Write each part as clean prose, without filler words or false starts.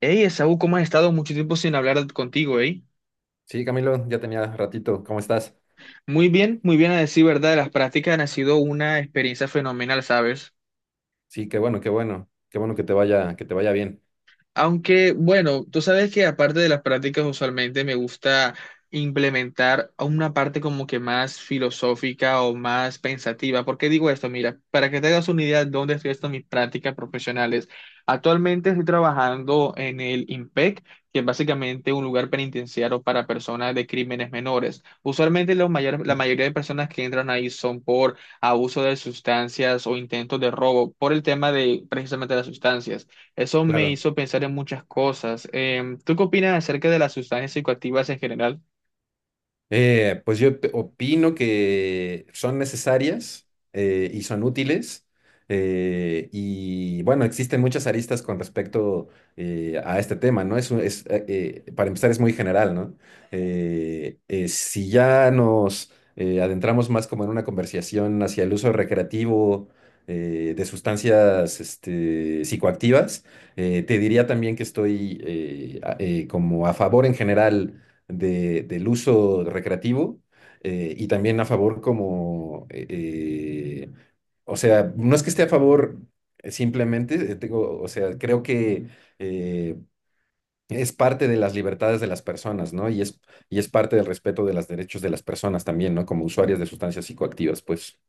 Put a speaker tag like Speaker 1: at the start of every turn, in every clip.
Speaker 1: Hey, Esaú, ¿cómo has estado? Mucho tiempo sin hablar contigo, ¿eh?
Speaker 2: Sí, Camilo, ya tenía ratito. ¿Cómo estás?
Speaker 1: Muy bien a decir verdad, las prácticas han sido una experiencia fenomenal, ¿sabes?
Speaker 2: Sí, qué bueno, qué bueno. Qué bueno que te vaya, bien.
Speaker 1: Aunque, bueno, tú sabes que aparte de las prácticas, usualmente me gusta implementar una parte como que más filosófica o más pensativa. ¿Por qué digo esto? Mira, para que te hagas una idea de dónde estoy haciendo mis prácticas profesionales. Actualmente estoy trabajando en el IMPEC, que es básicamente un lugar penitenciario para personas de crímenes menores. Usualmente la mayoría de personas que entran ahí son por abuso de sustancias o intentos de robo, por el tema de precisamente las sustancias. Eso me
Speaker 2: Claro.
Speaker 1: hizo pensar en muchas cosas. ¿Tú qué opinas acerca de las sustancias psicoactivas en general?
Speaker 2: Pues opino que son necesarias y son útiles. Y bueno, existen muchas aristas con respecto a este tema, ¿no? Para empezar, es muy general, ¿no? Si ya nos adentramos más como en una conversación hacia el uso recreativo de sustancias este, psicoactivas, te diría también que estoy como a favor en general del uso recreativo y también a favor o sea, no es que esté a favor simplemente, digo, o sea, creo que eh, es parte de las libertades de las personas, ¿no? Y es parte del respeto de los derechos de las personas también, ¿no? Como usuarias de sustancias psicoactivas, pues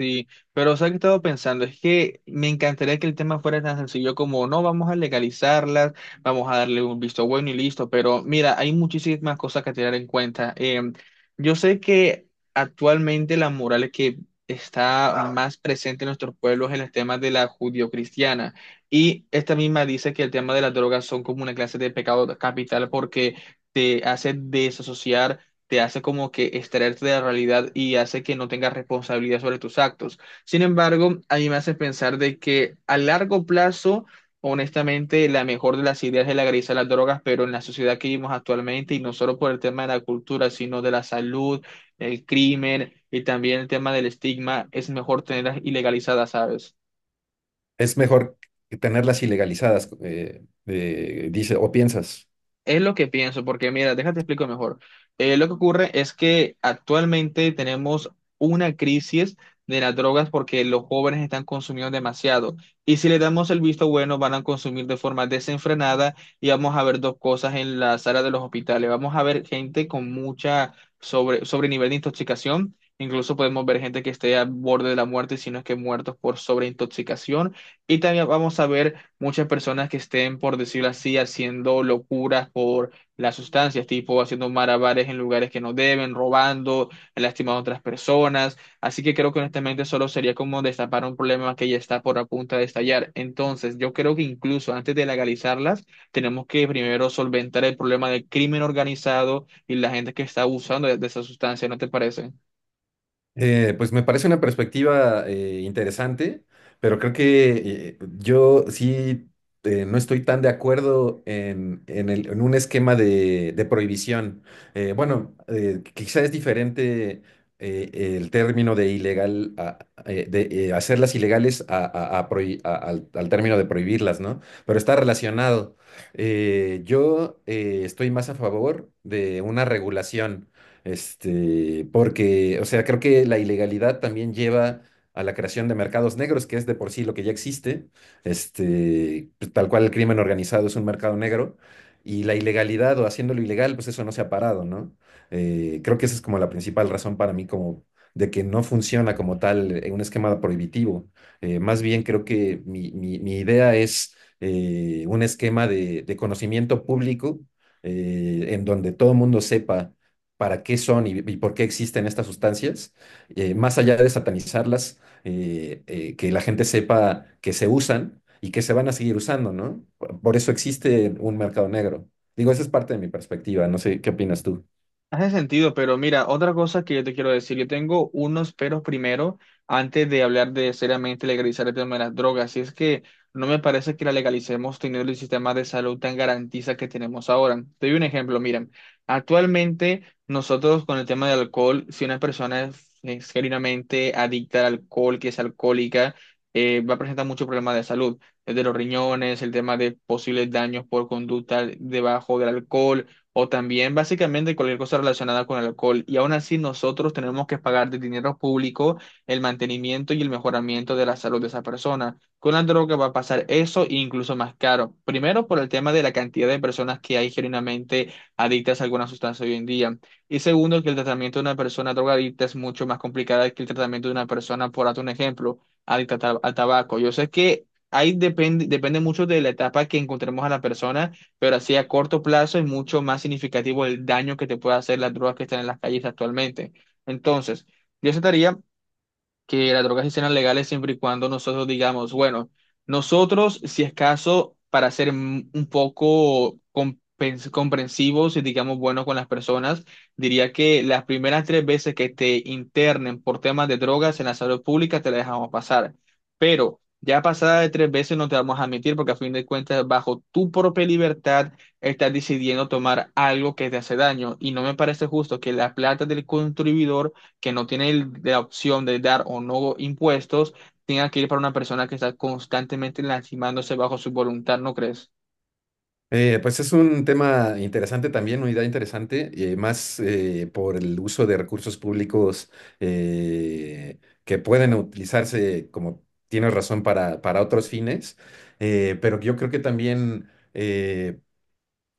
Speaker 1: Sí, pero ¿sabes qué he estado pensando? Es que me encantaría que el tema fuera tan sencillo como: no, vamos a legalizarlas, vamos a darle un visto bueno y listo. Pero mira, hay muchísimas cosas que tener en cuenta. Yo sé que actualmente la moral que está más presente en nuestros pueblos es el tema de la judio-cristiana, y esta misma dice que el tema de las drogas son como una clase de pecado capital porque te hace desasociar, te hace como que extraerte de la realidad y hace que no tengas responsabilidad sobre tus actos. Sin embargo, a mí me hace pensar de que a largo plazo, honestamente, la mejor de las ideas es legalizar las drogas, pero en la sociedad que vivimos actualmente, y no solo por el tema de la cultura, sino de la salud, el crimen y también el tema del estigma, es mejor tenerlas ilegalizadas, ¿sabes?
Speaker 2: es mejor tenerlas ilegalizadas, dice, o piensas.
Speaker 1: Es lo que pienso, porque mira, déjate explico mejor. Lo que ocurre es que actualmente tenemos una crisis de las drogas porque los jóvenes están consumiendo demasiado. Y si le damos el visto bueno, van a consumir de forma desenfrenada y vamos a ver dos cosas en la sala de los hospitales. Vamos a ver gente con mucha sobre nivel de intoxicación. Incluso podemos ver gente que esté al borde de la muerte, si no es que muertos por sobreintoxicación. Y también vamos a ver muchas personas que estén, por decirlo así, haciendo locuras por las sustancias, tipo haciendo malabares en lugares que no deben, robando, lastimando a otras personas. Así que creo que honestamente solo sería como destapar un problema que ya está por a punto de estallar. Entonces, yo creo que incluso antes de legalizarlas, tenemos que primero solventar el problema del crimen organizado y la gente que está abusando de esa sustancia, ¿no te parece?
Speaker 2: Pues me parece una perspectiva interesante, pero creo que yo sí no estoy tan de acuerdo en en un esquema de prohibición. Bueno, Quizá es diferente eh, el término de ilegal, a- de hacerlas ilegales a prohi- a- al, al término de prohibirlas, ¿no? Pero está relacionado. Yo Estoy más a favor de una regulación. Este, porque, o sea, creo que la ilegalidad también lleva a la creación de mercados negros, que es de por sí lo que ya existe. Este, pues, tal cual el crimen organizado es un mercado negro. Y la ilegalidad o haciéndolo ilegal, pues eso no se ha parado, ¿no? Creo que esa es como la principal razón para mí como de que no funciona como tal un esquema prohibitivo. Más bien creo que mi idea es un esquema de conocimiento público en donde todo el mundo sepa para qué son y por qué existen estas sustancias, más allá de satanizarlas, que la gente sepa que se usan y que se van a seguir usando, ¿no? Por eso existe un mercado negro. Digo, esa es parte de mi perspectiva, no sé, ¿qué opinas tú?
Speaker 1: Hace sentido, pero mira, otra cosa que yo te quiero decir, yo tengo unos peros primero antes de hablar de seriamente legalizar el tema de las drogas, y es que no me parece que la legalicemos teniendo el sistema de salud tan garantiza que tenemos ahora. Te doy un ejemplo, miren, actualmente nosotros con el tema del alcohol, si una persona es genuinamente adicta al alcohol, que es alcohólica, va a presentar muchos problemas de salud, desde los riñones, el tema de posibles daños por conducta debajo del alcohol o también básicamente cualquier cosa relacionada con el alcohol. Y aún así nosotros tenemos que pagar de dinero público el mantenimiento y el mejoramiento de la salud de esa persona. Con la droga va a pasar eso e incluso más caro. Primero por el tema de la cantidad de personas que hay genuinamente adictas a alguna sustancia hoy en día. Y segundo, que el tratamiento de una persona drogadicta es mucho más complicado que el tratamiento de una persona, por darte un ejemplo, al tabaco. Yo sé que... Ahí depende, depende mucho de la etapa que encontremos a la persona, pero así a corto plazo es mucho más significativo el daño que te puede hacer las drogas que están en las calles actualmente. Entonces, yo trataría que las drogas sí serán legales siempre y cuando nosotros digamos, bueno, nosotros, si es caso, para ser un poco comprensivos y digamos buenos con las personas, diría que las primeras tres veces que te internen por temas de drogas en la salud pública te la dejamos pasar. Pero ya pasada de tres veces no te vamos a admitir porque a fin de cuentas, bajo tu propia libertad, estás decidiendo tomar algo que te hace daño. Y no me parece justo que la plata del contribuidor que no tiene la opción de dar o no impuestos, tenga que ir para una persona que está constantemente lastimándose bajo su voluntad, ¿no crees?
Speaker 2: Pues es un tema interesante también, una idea interesante, más por el uso de recursos públicos que pueden utilizarse, como tienes razón, para otros fines, pero yo creo que también eh,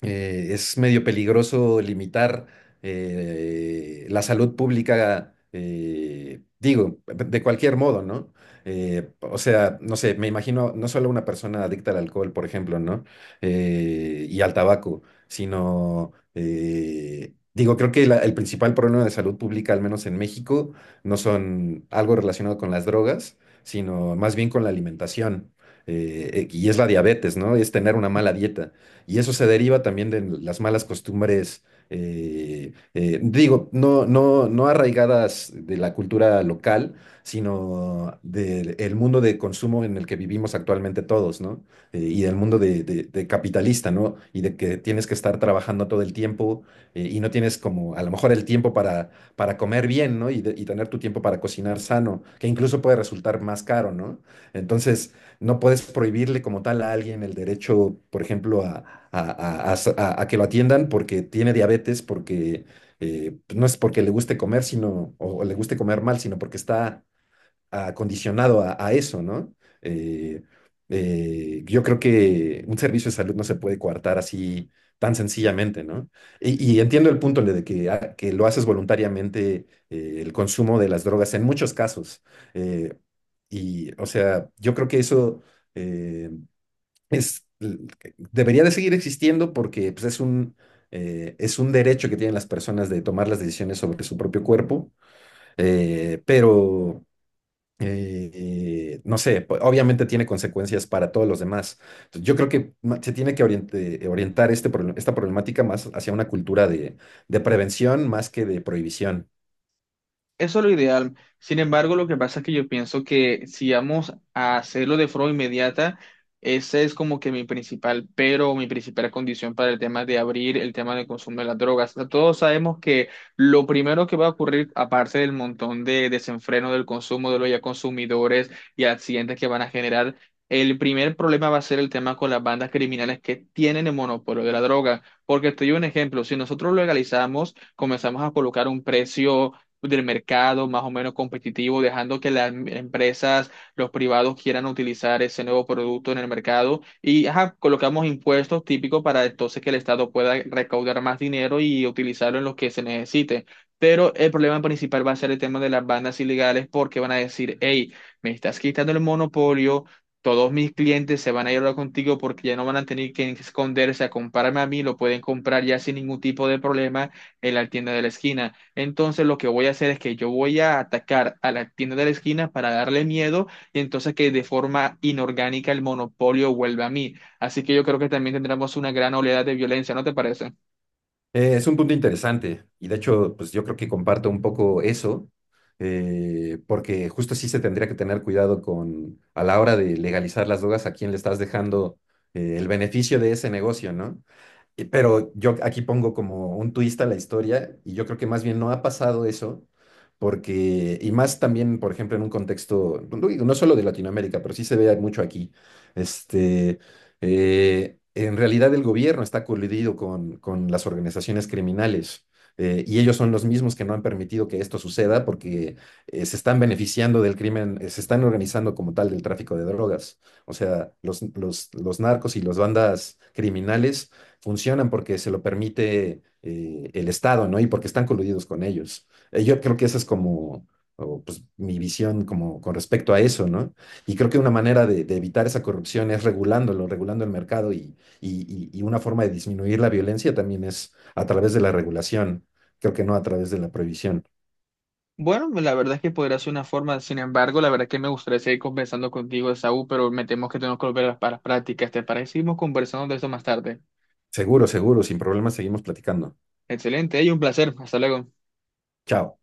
Speaker 2: eh, es medio peligroso limitar la salud pública, digo, de cualquier modo, ¿no? O sea, no sé, me imagino no solo una persona adicta al alcohol, por ejemplo, ¿no? Y al tabaco, sino, digo, creo que el principal problema de salud pública, al menos en México, no son algo relacionado con las drogas, sino más bien con la alimentación. Y es la diabetes, ¿no? Es tener una mala dieta. Y eso se deriva también de las malas costumbres, digo, no arraigadas de la cultura local, sino del mundo de consumo en el que vivimos actualmente todos, ¿no? Y del mundo de capitalista, ¿no? Y de que tienes que estar trabajando todo el tiempo y no tienes como a lo mejor el tiempo para comer bien, ¿no? Y tener tu tiempo para cocinar sano, que incluso puede resultar más caro, ¿no? Entonces, no puedes prohibirle como tal a alguien el derecho, por ejemplo, a que lo atiendan porque tiene diabetes, porque pues, no es porque le guste comer, sino, o le guste comer mal, sino porque está acondicionado a eso, ¿no? Eh, yo creo que un servicio de salud no se puede coartar así tan sencillamente, ¿no? Y entiendo el punto de que, ah, que lo haces voluntariamente, el consumo de las drogas en muchos casos. Eh, o sea, yo creo que eso eh, es, debería de seguir existiendo porque pues, es un derecho que tienen las personas de tomar las decisiones sobre su propio cuerpo, pero no sé, obviamente tiene consecuencias para todos los demás. Entonces, yo creo que ma- se tiene que oriente- orientar este, esta problemática más hacia una cultura de prevención más que de prohibición.
Speaker 1: Eso es lo ideal. Sin embargo, lo que pasa es que yo pienso que si vamos a hacerlo de forma inmediata, ese es como que mi principal pero, mi principal condición para el tema de abrir el tema del consumo de las drogas. O sea, todos sabemos que lo primero que va a ocurrir, aparte del montón de desenfreno del consumo de los ya consumidores y accidentes que van a generar, el primer problema va a ser el tema con las bandas criminales que tienen el monopolio de la droga. Porque te doy un ejemplo, si nosotros legalizamos, comenzamos a colocar un precio del mercado más o menos competitivo, dejando que las empresas, los privados quieran utilizar ese nuevo producto en el mercado y ajá, colocamos impuestos típicos para entonces que el Estado pueda recaudar más dinero y utilizarlo en lo que se necesite. Pero el problema principal va a ser el tema de las bandas ilegales porque van a decir: hey, me estás quitando el monopolio. Todos mis clientes se van a ir ahora contigo porque ya no van a tener que esconderse a comprarme a mí, lo pueden comprar ya sin ningún tipo de problema en la tienda de la esquina. Entonces lo que voy a hacer es que yo voy a atacar a la tienda de la esquina para darle miedo y entonces que de forma inorgánica el monopolio vuelva a mí. Así que yo creo que también tendremos una gran oleada de violencia, ¿no te parece?
Speaker 2: Es un punto interesante y de hecho, pues yo creo que comparto un poco eso, porque justo sí se tendría que tener cuidado con a la hora de legalizar las drogas a quién le estás dejando el beneficio de ese negocio, ¿no? Y pero yo aquí pongo como un twist a la historia y yo creo que más bien no ha pasado eso, porque, y más también, por ejemplo, en un contexto, no digo, no solo de Latinoamérica, pero sí se ve mucho aquí, este, en realidad el gobierno está coludido con las organizaciones criminales. Y ellos son los mismos que no han permitido que esto suceda porque se están beneficiando del crimen, se están organizando como tal del tráfico de drogas. O sea, los narcos y las bandas criminales funcionan porque se lo permite el Estado, ¿no? Y porque están coludidos con ellos. Yo creo que esa es como o, pues, mi visión como con respecto a eso, ¿no? Y creo que una manera de evitar esa corrupción es regulándolo, regulando el mercado y una forma de disminuir la violencia también es a través de la regulación, creo que no a través de la prohibición.
Speaker 1: Bueno, la verdad es que podría ser una forma, sin embargo, la verdad es que me gustaría seguir conversando contigo, Saúl, pero me temo que tenemos que volver a las para las prácticas. ¿Te parece? Seguimos conversando de eso más tarde.
Speaker 2: Seguro, seguro, sin problemas seguimos platicando.
Speaker 1: Excelente, y un placer. Hasta luego.
Speaker 2: Chao.